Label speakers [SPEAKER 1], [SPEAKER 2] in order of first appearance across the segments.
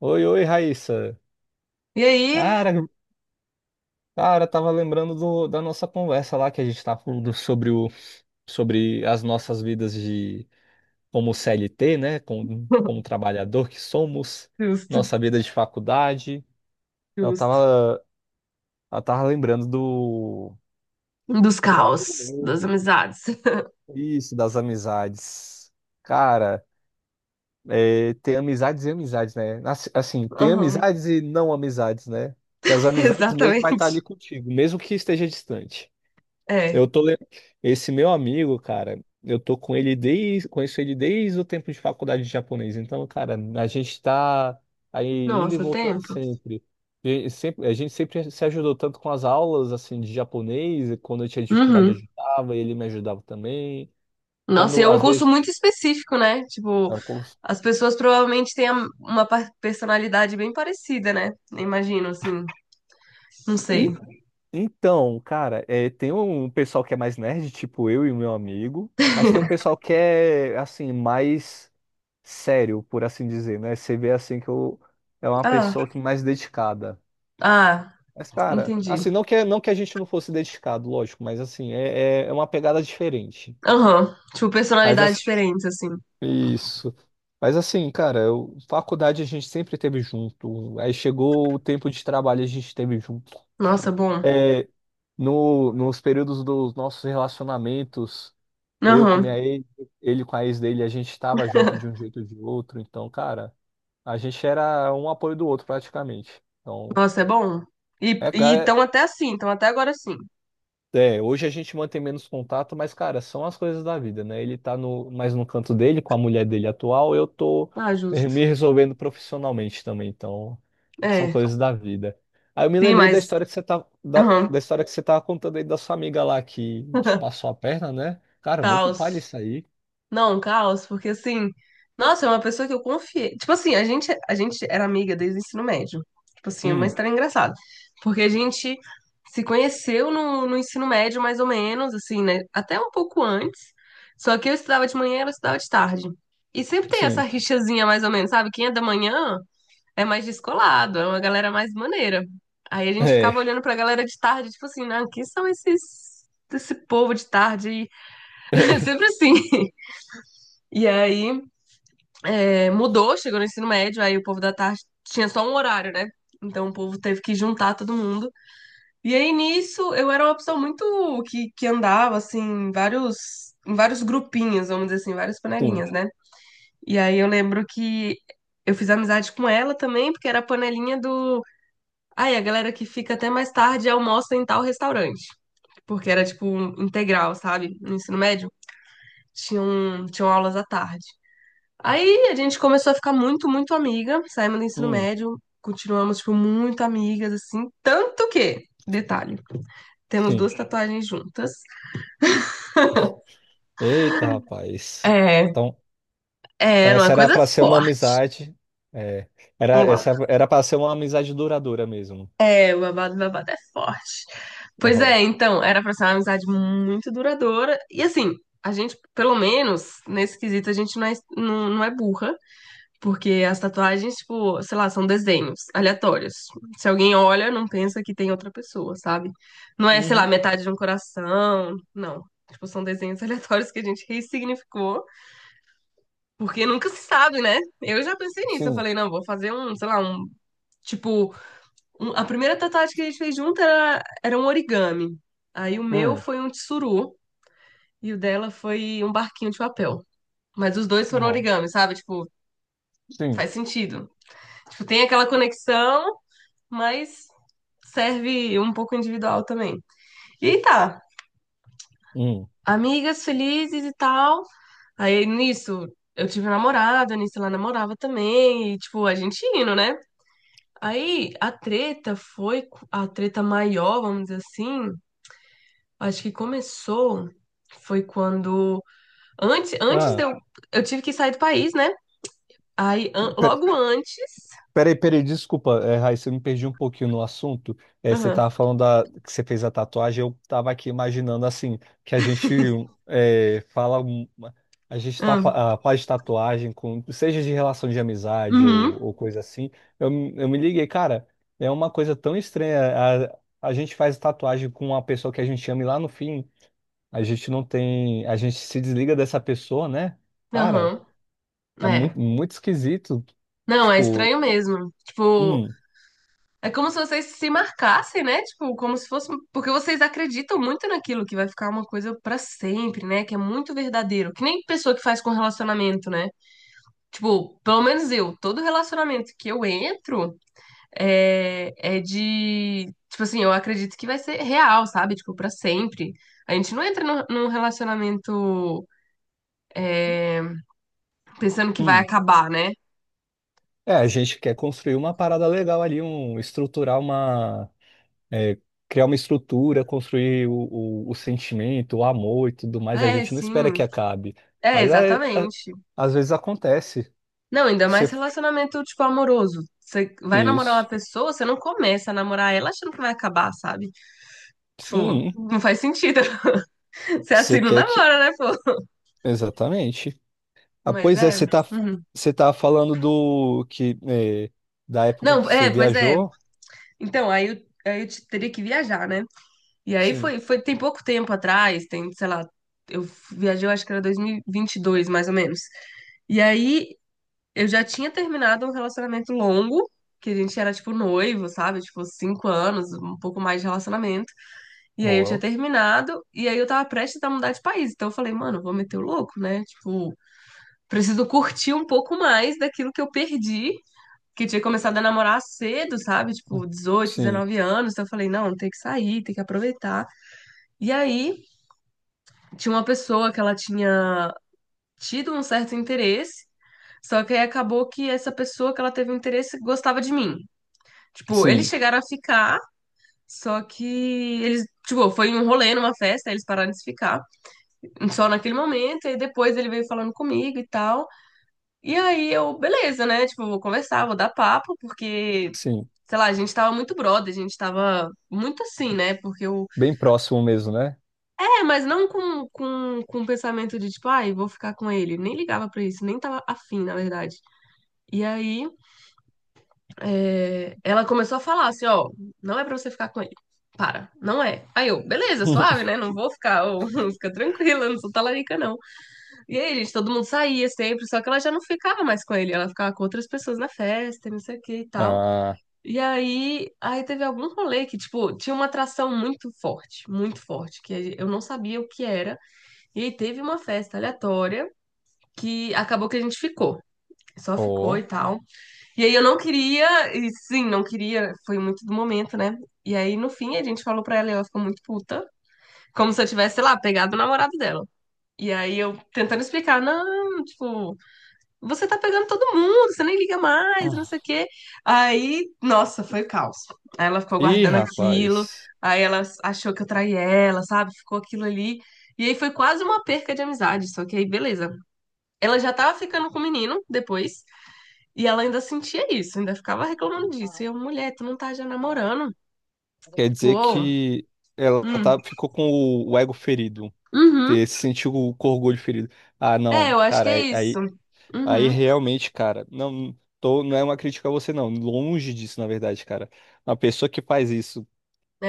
[SPEAKER 1] Oi, oi, Raíssa.
[SPEAKER 2] E aí?
[SPEAKER 1] Cara, cara, tava lembrando da nossa conversa lá que a gente tava falando sobre as nossas vidas de como CLT, né? Como trabalhador que somos,
[SPEAKER 2] Justo,
[SPEAKER 1] nossa vida de faculdade. Eu
[SPEAKER 2] justo.
[SPEAKER 1] tava, eu tava lembrando do.
[SPEAKER 2] Dos
[SPEAKER 1] Tem um amigo
[SPEAKER 2] caos,
[SPEAKER 1] meu,
[SPEAKER 2] das amizades.
[SPEAKER 1] isso, das amizades. Cara, tem amizades e amizades, né? Assim, tem
[SPEAKER 2] Aham.
[SPEAKER 1] amizades e não amizades, né? Que as amizades mesmo vai
[SPEAKER 2] Exatamente.
[SPEAKER 1] estar ali contigo, mesmo que esteja distante.
[SPEAKER 2] É.
[SPEAKER 1] Eu tô le- Esse meu amigo, cara, eu tô com ele conheço ele desde o tempo de faculdade de japonês. Então, cara, a gente tá aí indo e
[SPEAKER 2] Nossa,
[SPEAKER 1] voltando
[SPEAKER 2] tempo.
[SPEAKER 1] sempre. A gente sempre se ajudou tanto com as aulas assim de japonês, e quando eu tinha dificuldade eu
[SPEAKER 2] Uhum.
[SPEAKER 1] ajudava, ele me ajudava também.
[SPEAKER 2] Nossa, e
[SPEAKER 1] Quando
[SPEAKER 2] é um
[SPEAKER 1] às
[SPEAKER 2] curso
[SPEAKER 1] vezes
[SPEAKER 2] muito específico, né? Tipo,
[SPEAKER 1] é um curso.
[SPEAKER 2] as pessoas provavelmente têm uma personalidade bem parecida, né? Imagino, assim. Não sei.
[SPEAKER 1] E- Então, cara, tem um pessoal que é mais nerd, tipo eu e o meu amigo, mas tem um pessoal que é assim, mais sério, por assim dizer, né? Você vê assim que eu é uma
[SPEAKER 2] Ah,
[SPEAKER 1] pessoa que mais dedicada.
[SPEAKER 2] ah,
[SPEAKER 1] Mas, cara,
[SPEAKER 2] entendi.
[SPEAKER 1] assim, não que a gente não fosse dedicado, lógico, mas assim, é uma pegada diferente.
[SPEAKER 2] Aham. Tipo,
[SPEAKER 1] Mas
[SPEAKER 2] personalidades
[SPEAKER 1] as-
[SPEAKER 2] diferentes, assim.
[SPEAKER 1] isso. Mas assim, cara, faculdade a gente sempre teve junto. Aí chegou o tempo de trabalho, a gente teve junto.
[SPEAKER 2] Nossa, bom.
[SPEAKER 1] É, no, nos períodos dos nossos relacionamentos. Eu com
[SPEAKER 2] Aham.
[SPEAKER 1] minha ex, ele com a ex dele, a gente estava junto de um jeito ou de outro. Então, cara, a gente era um apoio do outro praticamente. Então,
[SPEAKER 2] Nossa, é bom. E
[SPEAKER 1] é, ca-
[SPEAKER 2] estão até assim, estão até agora assim.
[SPEAKER 1] hoje a gente mantém menos contato, mas, cara, são as coisas da vida, né? Ele tá mais no canto dele, com a mulher dele atual, eu tô
[SPEAKER 2] Ah,
[SPEAKER 1] me
[SPEAKER 2] justo.
[SPEAKER 1] me resolvendo profissionalmente também. Então, são
[SPEAKER 2] É,
[SPEAKER 1] coisas da vida. Aí eu me
[SPEAKER 2] sim,
[SPEAKER 1] lembrei da
[SPEAKER 2] mas.
[SPEAKER 1] história que você tá, da,
[SPEAKER 2] Aham.
[SPEAKER 1] da história que você tava contando aí da sua amiga lá que te passou a perna, né? Cara, muito palha
[SPEAKER 2] Caos.
[SPEAKER 1] isso aí.
[SPEAKER 2] Não, caos, porque assim. Nossa, é uma pessoa que eu confiei. Tipo assim, a gente era amiga desde o ensino médio. Tipo assim, é uma
[SPEAKER 1] Hum,
[SPEAKER 2] história engraçada. Porque a gente se conheceu no, no ensino médio, mais ou menos, assim, né? Até um pouco antes. Só que eu estudava de manhã e ela estudava de tarde. E sempre tem essa
[SPEAKER 1] sim.
[SPEAKER 2] rixazinha, mais ou menos, sabe? Quem é da manhã é mais descolado, é uma galera mais maneira. Aí a gente ficava
[SPEAKER 1] É.
[SPEAKER 2] olhando pra galera de tarde, tipo assim, não, quem são esses, esse povo de tarde? Aí? Sempre assim. E aí é, mudou, chegou no ensino médio, aí o povo da tarde tinha só um horário, né? Então o povo teve que juntar todo mundo. E aí nisso eu era uma pessoa muito que andava assim, em vários grupinhos, vamos dizer assim, várias
[SPEAKER 1] Sim,
[SPEAKER 2] panelinhas, né? E aí eu lembro que eu fiz amizade com ela também, porque era a panelinha do. Aí a galera que fica até mais tarde almoça em tal restaurante, porque era tipo um integral, sabe? No ensino médio, tinham, tinham aulas à tarde. Aí a gente começou a ficar muito, muito amiga, saímos do ensino
[SPEAKER 1] hum,
[SPEAKER 2] médio, continuamos, tipo, muito amigas, assim, tanto que, detalhe, temos
[SPEAKER 1] sim.
[SPEAKER 2] duas tatuagens juntas.
[SPEAKER 1] Eita, rapaz.
[SPEAKER 2] É,
[SPEAKER 1] Então,
[SPEAKER 2] é,
[SPEAKER 1] então
[SPEAKER 2] era
[SPEAKER 1] essa
[SPEAKER 2] uma
[SPEAKER 1] era
[SPEAKER 2] coisa
[SPEAKER 1] para ser uma
[SPEAKER 2] forte.
[SPEAKER 1] amizade. É,
[SPEAKER 2] Eu
[SPEAKER 1] era para ser uma amizade duradoura mesmo.
[SPEAKER 2] é, o babado é forte. Pois
[SPEAKER 1] Ó.
[SPEAKER 2] é, então, era pra ser uma amizade muito duradoura. E assim, a gente, pelo menos, nesse quesito, a gente não é, não, não é burra, porque as tatuagens, tipo, sei lá, são desenhos aleatórios. Se alguém olha, não pensa que tem outra pessoa, sabe? Não é, sei lá,
[SPEAKER 1] Uhum.
[SPEAKER 2] metade de um coração, não. Tipo, são desenhos aleatórios que a gente ressignificou, porque nunca se sabe, né? Eu já pensei nisso, eu
[SPEAKER 1] Sim.
[SPEAKER 2] falei, não, vou fazer um, sei lá, um. Tipo, a primeira tatuagem que a gente fez junto era, era um origami. Aí o meu
[SPEAKER 1] Hum.
[SPEAKER 2] foi um tsuru e o dela foi um barquinho de papel. Mas os dois foram
[SPEAKER 1] Ó.
[SPEAKER 2] origami, sabe? Tipo,
[SPEAKER 1] Sim.
[SPEAKER 2] faz sentido. Tipo, tem aquela conexão, mas serve um pouco individual também. E aí tá,
[SPEAKER 1] Hum.
[SPEAKER 2] amigas felizes e tal. Aí nisso eu tive um namorado, nisso ela namorava também, e tipo, a gente indo, né? Aí a treta foi a treta maior, vamos dizer assim. Acho que começou, foi quando, antes de
[SPEAKER 1] Ah,
[SPEAKER 2] eu tive que sair do país, né? Logo antes,
[SPEAKER 1] peraí, desculpa, Raíssa, eu me perdi um pouquinho no assunto. É, você
[SPEAKER 2] aham,
[SPEAKER 1] estava falando que você fez a tatuagem, eu estava aqui imaginando assim, que a gente é, fala, uma- a gente tá, fa-
[SPEAKER 2] aham,
[SPEAKER 1] ah, faz tatuagem, com, seja de relação de amizade
[SPEAKER 2] uhum,
[SPEAKER 1] ou coisa assim. Eu me liguei, cara, é uma coisa tão estranha. A gente faz tatuagem com uma pessoa que a gente ama e lá no fim a gente não tem, a gente se desliga dessa pessoa, né? Cara,
[SPEAKER 2] aham,
[SPEAKER 1] é muito,
[SPEAKER 2] é.
[SPEAKER 1] muito esquisito.
[SPEAKER 2] Não, é
[SPEAKER 1] Tipo,
[SPEAKER 2] estranho mesmo. Tipo,
[SPEAKER 1] hum.
[SPEAKER 2] é como se vocês se marcassem, né? Tipo, como se fosse porque vocês acreditam muito naquilo que vai ficar uma coisa pra sempre, né? Que é muito verdadeiro. Que nem pessoa que faz com relacionamento, né? Tipo, pelo menos eu, todo relacionamento que eu entro é, é de. Tipo assim, eu acredito que vai ser real, sabe? Tipo, pra sempre. A gente não entra num relacionamento pensando que vai
[SPEAKER 1] Hum.
[SPEAKER 2] acabar, né?
[SPEAKER 1] É, a gente quer construir uma parada legal ali, estruturar é, criar uma estrutura, construir o sentimento, o amor e tudo mais. A
[SPEAKER 2] É,
[SPEAKER 1] gente não espera
[SPEAKER 2] sim.
[SPEAKER 1] que acabe,
[SPEAKER 2] É,
[SPEAKER 1] mas
[SPEAKER 2] exatamente.
[SPEAKER 1] às vezes acontece.
[SPEAKER 2] Não, ainda mais
[SPEAKER 1] Você-
[SPEAKER 2] relacionamento, tipo, amoroso. Você vai namorar uma
[SPEAKER 1] isso,
[SPEAKER 2] pessoa, você não começa a namorar ela achando que vai acabar, sabe? Tipo,
[SPEAKER 1] sim,
[SPEAKER 2] não faz sentido. Você assim
[SPEAKER 1] você
[SPEAKER 2] não
[SPEAKER 1] quer que,
[SPEAKER 2] namora, né, pô?
[SPEAKER 1] exatamente. Ah,
[SPEAKER 2] Mas
[SPEAKER 1] pois é,
[SPEAKER 2] é.
[SPEAKER 1] você tá,
[SPEAKER 2] Uhum.
[SPEAKER 1] você tá falando da época que
[SPEAKER 2] Não,
[SPEAKER 1] você
[SPEAKER 2] é, pois é.
[SPEAKER 1] viajou?
[SPEAKER 2] Então, aí eu teria que viajar, né? E aí
[SPEAKER 1] Sim,
[SPEAKER 2] foi, foi, tem pouco tempo atrás, tem, sei lá, eu viajei, eu acho que era 2022, mais ou menos. E aí eu já tinha terminado um relacionamento longo, que a gente era, tipo, noivo, sabe? Tipo, 5 anos, um pouco mais de relacionamento. E aí eu tinha
[SPEAKER 1] Ó,
[SPEAKER 2] terminado, e aí eu tava prestes a mudar de país. Então eu falei, mano, eu vou meter o louco, né? Tipo, preciso curtir um pouco mais daquilo que eu perdi. Que eu tinha começado a namorar cedo, sabe? Tipo, 18,
[SPEAKER 1] sim,
[SPEAKER 2] 19 anos. Então eu falei, não, tem que sair, tem que aproveitar. E aí, tinha uma pessoa que ela tinha tido um certo interesse, só que aí acabou que essa pessoa que ela teve um interesse gostava de mim. Tipo, eles
[SPEAKER 1] sim,
[SPEAKER 2] chegaram a ficar, só que eles, tipo, foi um rolê numa festa, aí eles pararam de se ficar, só naquele momento, e depois ele veio falando comigo e tal. E aí eu, beleza, né? Tipo, vou conversar, vou dar papo, porque
[SPEAKER 1] sim,
[SPEAKER 2] sei lá, a gente tava muito brother, a gente tava muito assim, né? Porque o,
[SPEAKER 1] bem próximo mesmo, né?
[SPEAKER 2] é, mas não com o pensamento de tipo, ai, vou ficar com ele. Nem ligava pra isso, nem tava afim, na verdade. E aí, é, ela começou a falar assim: ó, não é pra você ficar com ele. Para, não é. Aí eu, beleza, suave, né? Não vou ficar, ô, fica tranquila, não sou talarica, não. E aí, gente, todo mundo saía sempre, só que ela já não ficava mais com ele, ela ficava com outras pessoas na festa, e não sei o que e tal.
[SPEAKER 1] Ah.
[SPEAKER 2] E aí, aí teve algum rolê que, tipo, tinha uma atração muito forte, que eu não sabia o que era. E aí teve uma festa aleatória que acabou que a gente ficou. Só ficou e
[SPEAKER 1] Ó.
[SPEAKER 2] tal. E aí eu não queria, e sim, não queria, foi muito do momento, né? E aí no fim a gente falou pra ela e ela ficou muito puta, como se eu tivesse, sei lá, pegado o namorado dela. E aí eu tentando explicar, não, tipo, você tá pegando todo mundo, você nem liga mais, não sei o
[SPEAKER 1] Ah.
[SPEAKER 2] quê. Aí, nossa, foi o caos. Aí ela ficou
[SPEAKER 1] Ih,
[SPEAKER 2] guardando aquilo,
[SPEAKER 1] rapaz.
[SPEAKER 2] aí ela achou que eu traí ela, sabe? Ficou aquilo ali. E aí foi quase uma perca de amizade, só que aí beleza. Ela já tava ficando com o menino depois, e ela ainda sentia isso, ainda ficava reclamando disso. E eu, mulher, tu não tá já namorando?
[SPEAKER 1] Quer
[SPEAKER 2] Tipo,
[SPEAKER 1] dizer
[SPEAKER 2] ô,
[SPEAKER 1] que
[SPEAKER 2] hum,
[SPEAKER 1] ficou com o ego ferido.
[SPEAKER 2] uhum.
[SPEAKER 1] Se sentiu com o orgulho ferido. Ah,
[SPEAKER 2] É,
[SPEAKER 1] não,
[SPEAKER 2] eu acho que
[SPEAKER 1] cara,
[SPEAKER 2] é
[SPEAKER 1] aí,
[SPEAKER 2] isso.
[SPEAKER 1] aí aí
[SPEAKER 2] Uhum,
[SPEAKER 1] realmente, cara, não, não é uma crítica a você, não. Longe disso, na verdade, cara. Uma pessoa que faz isso.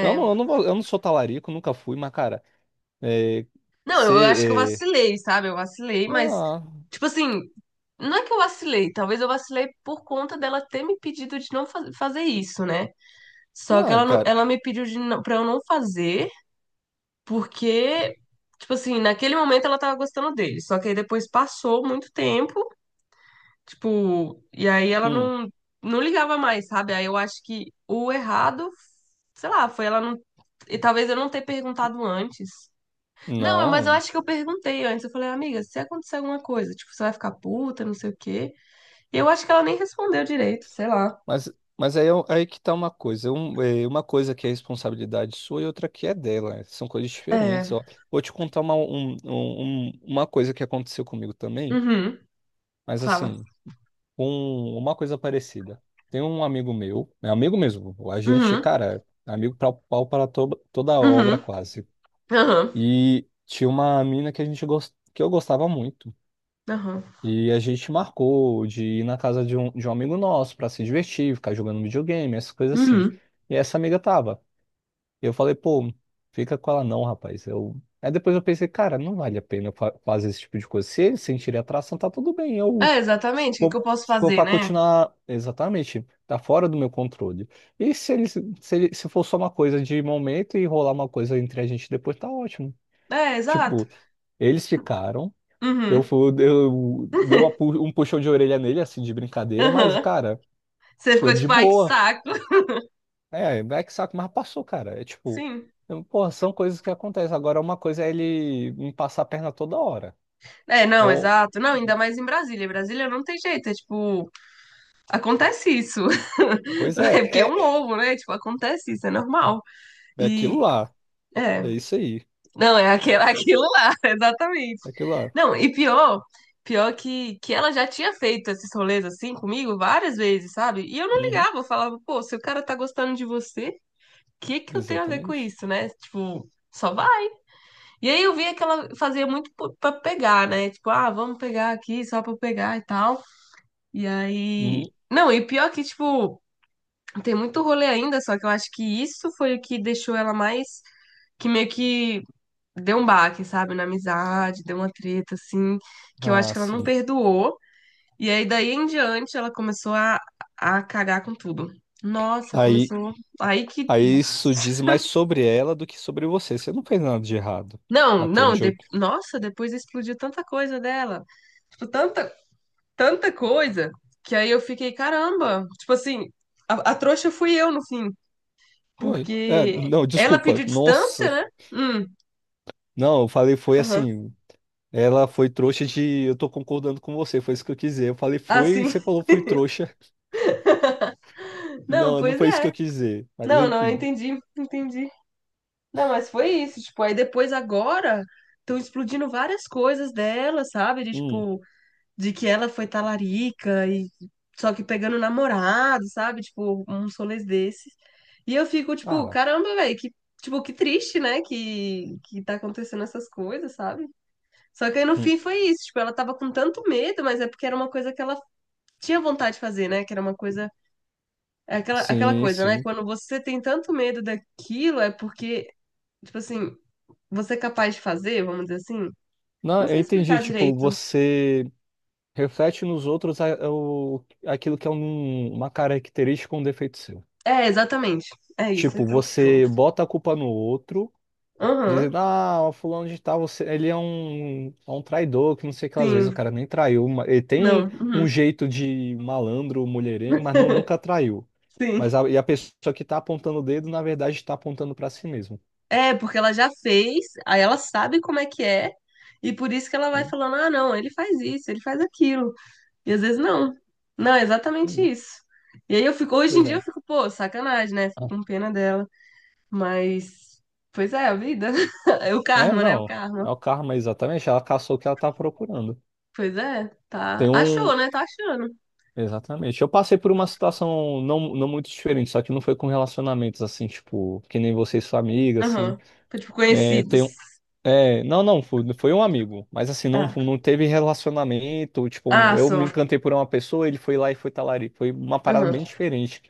[SPEAKER 1] Eu não, eu não, vou- eu não sou talarico, nunca fui, mas, cara, é,
[SPEAKER 2] Não, eu acho que eu
[SPEAKER 1] ser.
[SPEAKER 2] vacilei, sabe? Eu vacilei, mas,
[SPEAKER 1] Ah,
[SPEAKER 2] tipo assim, não é que eu vacilei, talvez eu vacilei por conta dela ter me pedido de não fazer isso, né? Só que
[SPEAKER 1] não,
[SPEAKER 2] ela, não-
[SPEAKER 1] cara.
[SPEAKER 2] ela me pediu de não, pra eu não fazer, porque, tipo assim, naquele momento ela tava gostando dele. Só que aí depois passou muito tempo. Tipo, e aí ela
[SPEAKER 1] Hum,
[SPEAKER 2] não, não ligava mais, sabe? Aí eu acho que o errado, sei lá, foi ela não. E talvez eu não ter perguntado antes. Não, mas eu
[SPEAKER 1] não.
[SPEAKER 2] acho que eu perguntei antes. Eu falei, amiga, se acontecer alguma coisa, tipo, você vai ficar puta, não sei o quê. E eu acho que ela nem respondeu direito, sei lá.
[SPEAKER 1] Mas, mas aí, aí que tá uma coisa. Uma coisa que é responsabilidade sua e outra que é dela. Né? São coisas diferentes,
[SPEAKER 2] É.
[SPEAKER 1] ó. Vou te contar uma, um- um- um- uma coisa que aconteceu comigo também,
[SPEAKER 2] Uhum.
[SPEAKER 1] mas
[SPEAKER 2] Fala.
[SPEAKER 1] assim, uma coisa parecida. Tem um amigo meu, é amigo mesmo, a gente,
[SPEAKER 2] Uhum.
[SPEAKER 1] cara, é amigo pau para toda a obra
[SPEAKER 2] Uhum.
[SPEAKER 1] quase.
[SPEAKER 2] Aham.
[SPEAKER 1] E tinha uma mina que que eu gostava muito.
[SPEAKER 2] Aham.
[SPEAKER 1] E a gente marcou de ir na casa de um amigo nosso pra se divertir, ficar jogando videogame, essas coisas assim.
[SPEAKER 2] Uhum.
[SPEAKER 1] E essa amiga tava. Eu falei, pô, fica com ela não, rapaz. Eu... Aí depois eu pensei, cara, não vale a pena eu fazer esse tipo de coisa. Se eles sentirem atração, tá tudo bem.
[SPEAKER 2] É,
[SPEAKER 1] Eu, se
[SPEAKER 2] exatamente. O que que
[SPEAKER 1] for,
[SPEAKER 2] eu posso
[SPEAKER 1] se for
[SPEAKER 2] fazer,
[SPEAKER 1] pra
[SPEAKER 2] né?
[SPEAKER 1] continuar, exatamente, tá fora do meu controle. E se eles, se, ele- se for só uma coisa de momento e rolar uma coisa entre a gente depois, tá ótimo.
[SPEAKER 2] É, exato.
[SPEAKER 1] Tipo, eles ficaram. Eu,
[SPEAKER 2] Uhum.
[SPEAKER 1] fui, eu dei um puxão de orelha nele, assim, de brincadeira, mas,
[SPEAKER 2] Aham.
[SPEAKER 1] cara,
[SPEAKER 2] Você
[SPEAKER 1] foi
[SPEAKER 2] ficou
[SPEAKER 1] de
[SPEAKER 2] tipo, ai, que
[SPEAKER 1] boa.
[SPEAKER 2] saco.
[SPEAKER 1] É, é que saco, mas passou, cara. É tipo,
[SPEAKER 2] Sim.
[SPEAKER 1] porra, são coisas que acontecem. Agora, uma coisa é ele me passar a perna toda hora.
[SPEAKER 2] É, não,
[SPEAKER 1] Ou,
[SPEAKER 2] exato. Não, ainda mais em Brasília. Brasília não tem jeito, é tipo, acontece isso.
[SPEAKER 1] pois
[SPEAKER 2] É
[SPEAKER 1] é,
[SPEAKER 2] porque é um
[SPEAKER 1] é, é
[SPEAKER 2] ovo, né? Tipo, acontece isso, é normal.
[SPEAKER 1] é aquilo
[SPEAKER 2] E
[SPEAKER 1] lá.
[SPEAKER 2] é,
[SPEAKER 1] É isso aí.
[SPEAKER 2] não, é aquele, aquilo lá, exatamente.
[SPEAKER 1] É aquilo lá.
[SPEAKER 2] Não, e pior, pior que ela já tinha feito esses rolês assim comigo várias vezes, sabe? E eu não
[SPEAKER 1] Uhum,
[SPEAKER 2] ligava, eu falava, pô, se o cara tá gostando de você, o que que eu tenho a ver com
[SPEAKER 1] exatamente.
[SPEAKER 2] isso, né? Tipo, só vai. E aí eu via que ela fazia muito pra pegar, né? Tipo, ah, vamos pegar aqui só pra pegar e tal. E aí.
[SPEAKER 1] Uhum.
[SPEAKER 2] Não, e pior que, tipo, tem muito rolê ainda, só que eu acho que isso foi o que deixou ela mais. Que meio que deu um baque, sabe? Na amizade, deu uma treta, assim, que eu acho
[SPEAKER 1] Ah,
[SPEAKER 2] que ela não
[SPEAKER 1] sim.
[SPEAKER 2] perdoou. E aí, daí em diante, ela começou a cagar com tudo. Nossa,
[SPEAKER 1] Aí,
[SPEAKER 2] começou. Aí que.
[SPEAKER 1] aí isso diz mais sobre ela do que sobre você. Você não fez nada de errado.
[SPEAKER 2] Não,
[SPEAKER 1] Até
[SPEAKER 2] não,
[SPEAKER 1] onde eu.
[SPEAKER 2] nossa, depois explodiu tanta coisa dela. Tipo, tanta, tanta coisa, que aí eu fiquei, caramba. Tipo assim, a trouxa fui eu no fim.
[SPEAKER 1] Foi. É,
[SPEAKER 2] Porque
[SPEAKER 1] não,
[SPEAKER 2] ela
[SPEAKER 1] desculpa.
[SPEAKER 2] pediu
[SPEAKER 1] Nossa.
[SPEAKER 2] distância, né?
[SPEAKER 1] Não, eu falei, foi
[SPEAKER 2] Aham.
[SPEAKER 1] assim. Ela foi trouxa de. Eu tô concordando com você, foi isso que eu quis dizer. Eu falei,
[SPEAKER 2] Ah,
[SPEAKER 1] foi, e
[SPEAKER 2] sim.
[SPEAKER 1] você falou, foi trouxa.
[SPEAKER 2] Não,
[SPEAKER 1] Não, não
[SPEAKER 2] pois
[SPEAKER 1] foi isso que
[SPEAKER 2] é.
[SPEAKER 1] eu quis dizer. Mas
[SPEAKER 2] Não, não, eu
[SPEAKER 1] enfim.
[SPEAKER 2] entendi, entendi. Não, mas foi isso, tipo, aí depois agora estão explodindo várias coisas dela, sabe? De
[SPEAKER 1] Hum,
[SPEAKER 2] tipo, de que ela foi talarica e só que pegando namorado, sabe? Tipo, uns rolês desses. E eu fico, tipo,
[SPEAKER 1] cara.
[SPEAKER 2] caramba, velho, que tipo, que triste, né? Que tá acontecendo essas coisas, sabe? Só que aí no
[SPEAKER 1] Hum,
[SPEAKER 2] fim foi isso, tipo, ela tava com tanto medo, mas é porque era uma coisa que ela tinha vontade de fazer, né? Que era uma coisa. É aquela, aquela
[SPEAKER 1] sim,
[SPEAKER 2] coisa, né?
[SPEAKER 1] sim.
[SPEAKER 2] Quando você tem tanto medo daquilo, é porque, tipo assim, você é capaz de fazer, vamos dizer assim?
[SPEAKER 1] Não,
[SPEAKER 2] Não
[SPEAKER 1] eu
[SPEAKER 2] sei
[SPEAKER 1] entendi.
[SPEAKER 2] explicar
[SPEAKER 1] Tipo,
[SPEAKER 2] direito.
[SPEAKER 1] você reflete nos outros aquilo que é uma característica ou um defeito seu.
[SPEAKER 2] É, exatamente. É isso,
[SPEAKER 1] Tipo,
[SPEAKER 2] esse é o
[SPEAKER 1] você
[SPEAKER 2] ponto.
[SPEAKER 1] bota a culpa no outro.
[SPEAKER 2] Aham,
[SPEAKER 1] Dizendo, ah, o fulano de tal, ele é um traidor, que não sei o que, às vezes o
[SPEAKER 2] sim.
[SPEAKER 1] cara nem traiu. Ele tem
[SPEAKER 2] Não,
[SPEAKER 1] um
[SPEAKER 2] uhum,
[SPEAKER 1] jeito de malandro, mulherengo, mas não, nunca traiu.
[SPEAKER 2] sim.
[SPEAKER 1] E a pessoa que tá apontando o dedo, na verdade, está apontando para si mesmo.
[SPEAKER 2] É, porque ela já fez, aí ela sabe como é que é, e por isso que ela vai
[SPEAKER 1] Hum,
[SPEAKER 2] falando, ah, não, ele faz isso, ele faz aquilo. E às vezes não. Não, é exatamente
[SPEAKER 1] sim,
[SPEAKER 2] isso. E aí eu fico, hoje em
[SPEAKER 1] Pois
[SPEAKER 2] dia eu
[SPEAKER 1] é.
[SPEAKER 2] fico, pô, sacanagem, né? Fico
[SPEAKER 1] Ah.
[SPEAKER 2] com pena dela. Mas, pois é, a vida. É o
[SPEAKER 1] É,
[SPEAKER 2] karma, né? O
[SPEAKER 1] não.
[SPEAKER 2] karma.
[SPEAKER 1] É o karma, exatamente. Ela caçou o que ela tá procurando.
[SPEAKER 2] Pois é,
[SPEAKER 1] Tem
[SPEAKER 2] tá.
[SPEAKER 1] um.
[SPEAKER 2] Achou, né? Tá achando.
[SPEAKER 1] Exatamente. Eu passei por uma situação não muito diferente, só que não foi com relacionamentos assim, tipo, que nem você e sua amiga, assim.
[SPEAKER 2] Aham. Foi tipo
[SPEAKER 1] É,
[SPEAKER 2] conhecidos.
[SPEAKER 1] tem É, não, não, foi um amigo, mas assim, não,
[SPEAKER 2] Ah,
[SPEAKER 1] não teve relacionamento, tipo,
[SPEAKER 2] ah,
[SPEAKER 1] eu
[SPEAKER 2] só.
[SPEAKER 1] me encantei por uma pessoa, ele foi lá e foi talarico, foi uma parada
[SPEAKER 2] Aham.
[SPEAKER 1] bem diferente.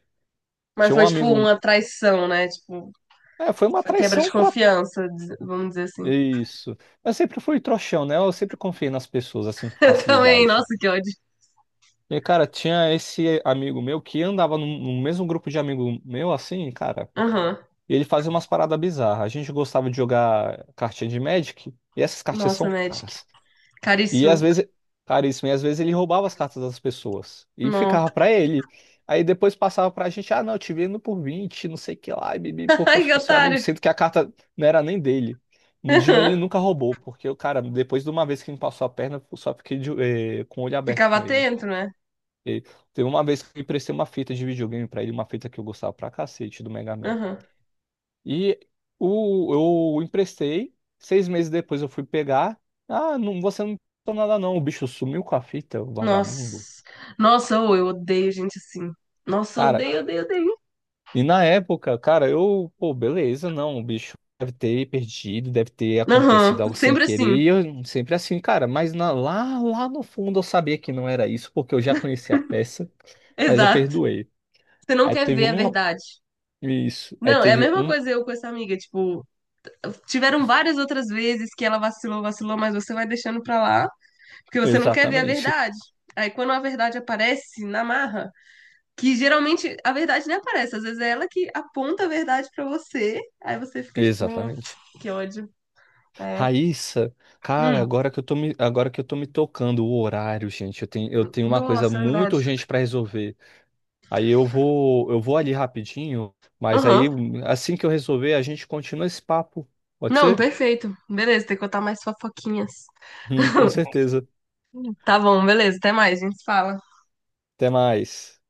[SPEAKER 1] Tinha
[SPEAKER 2] Mas
[SPEAKER 1] um
[SPEAKER 2] foi tipo
[SPEAKER 1] amigo,
[SPEAKER 2] uma traição, né? Tipo,
[SPEAKER 1] foi uma
[SPEAKER 2] foi quebra de
[SPEAKER 1] traição pra
[SPEAKER 2] confiança, vamos dizer assim.
[SPEAKER 1] isso. Eu sempre fui trouxão, né? Eu sempre confiei nas pessoas, assim, com
[SPEAKER 2] Eu também,
[SPEAKER 1] facilidade.
[SPEAKER 2] nossa, que ódio.
[SPEAKER 1] E, cara, tinha esse amigo meu que andava no mesmo grupo de amigo meu, assim, cara,
[SPEAKER 2] Aham.
[SPEAKER 1] e ele fazia umas paradas bizarras. A gente gostava de jogar cartinha de Magic, e essas cartinhas
[SPEAKER 2] Nossa,
[SPEAKER 1] são
[SPEAKER 2] Magic.
[SPEAKER 1] caras. E às
[SPEAKER 2] Caríssimo.
[SPEAKER 1] vezes, caríssimo, e às vezes ele roubava as cartas das pessoas e
[SPEAKER 2] Não.
[SPEAKER 1] ficava pra ele. Aí depois passava pra gente, ah, não, eu te vendo por 20 não sei o que lá, e bibi, porque eu
[SPEAKER 2] Ai, que
[SPEAKER 1] sou seu amigo,
[SPEAKER 2] otário.
[SPEAKER 1] sendo que a carta não era nem dele. De mim
[SPEAKER 2] Aham.
[SPEAKER 1] ele nunca roubou, porque o cara, depois de uma vez que me passou a perna, eu só fiquei com o olho aberto
[SPEAKER 2] Ficava
[SPEAKER 1] com ele.
[SPEAKER 2] atento, né?
[SPEAKER 1] E teve uma vez que eu emprestei uma fita de videogame pra ele, uma fita que eu gostava pra cacete do Mega Man.
[SPEAKER 2] Aham.
[SPEAKER 1] E eu emprestei, 6 meses depois eu fui pegar. Ah, não, você não emprestou nada não, o bicho sumiu com a fita, o
[SPEAKER 2] Nossa.
[SPEAKER 1] vagabundo.
[SPEAKER 2] Nossa, ô, eu odeio gente assim. Nossa,
[SPEAKER 1] Cara,
[SPEAKER 2] odeio, odeio, odeio.
[SPEAKER 1] e na época, cara, pô, beleza, não, o bicho deve ter perdido, deve ter acontecido
[SPEAKER 2] Aham,
[SPEAKER 1] algo sem
[SPEAKER 2] sempre
[SPEAKER 1] querer.
[SPEAKER 2] assim,
[SPEAKER 1] E eu sempre assim, cara, mas lá no fundo eu sabia que não era isso, porque eu já conhecia a peça, mas eu
[SPEAKER 2] exato.
[SPEAKER 1] perdoei.
[SPEAKER 2] Você não
[SPEAKER 1] Aí
[SPEAKER 2] quer
[SPEAKER 1] teve
[SPEAKER 2] ver a
[SPEAKER 1] um,
[SPEAKER 2] verdade.
[SPEAKER 1] isso, aí
[SPEAKER 2] Não, é a
[SPEAKER 1] teve
[SPEAKER 2] mesma
[SPEAKER 1] um,
[SPEAKER 2] coisa eu com essa amiga, tipo, tiveram várias outras vezes que ela vacilou, vacilou, mas você vai deixando pra lá, porque você não quer ver a
[SPEAKER 1] exatamente,
[SPEAKER 2] verdade. Aí quando a verdade aparece na marra, que geralmente a verdade nem aparece, às vezes é ela que aponta a verdade pra você, aí você fica tipo,
[SPEAKER 1] exatamente.
[SPEAKER 2] que ódio. É.
[SPEAKER 1] Raíssa, cara,
[SPEAKER 2] Hum,
[SPEAKER 1] agora que eu tô me, agora que eu tô me tocando o horário, gente, eu tenho uma coisa
[SPEAKER 2] nossa, é
[SPEAKER 1] muito
[SPEAKER 2] verdade.
[SPEAKER 1] urgente pra resolver. Aí eu vou ali rapidinho, mas aí
[SPEAKER 2] Aham.
[SPEAKER 1] assim que eu resolver, a gente continua esse papo. Pode
[SPEAKER 2] Não,
[SPEAKER 1] ser?
[SPEAKER 2] perfeito. Beleza, tem que contar mais fofoquinhas.
[SPEAKER 1] Com certeza.
[SPEAKER 2] Tá bom, beleza, até mais, a gente se fala.
[SPEAKER 1] Até mais.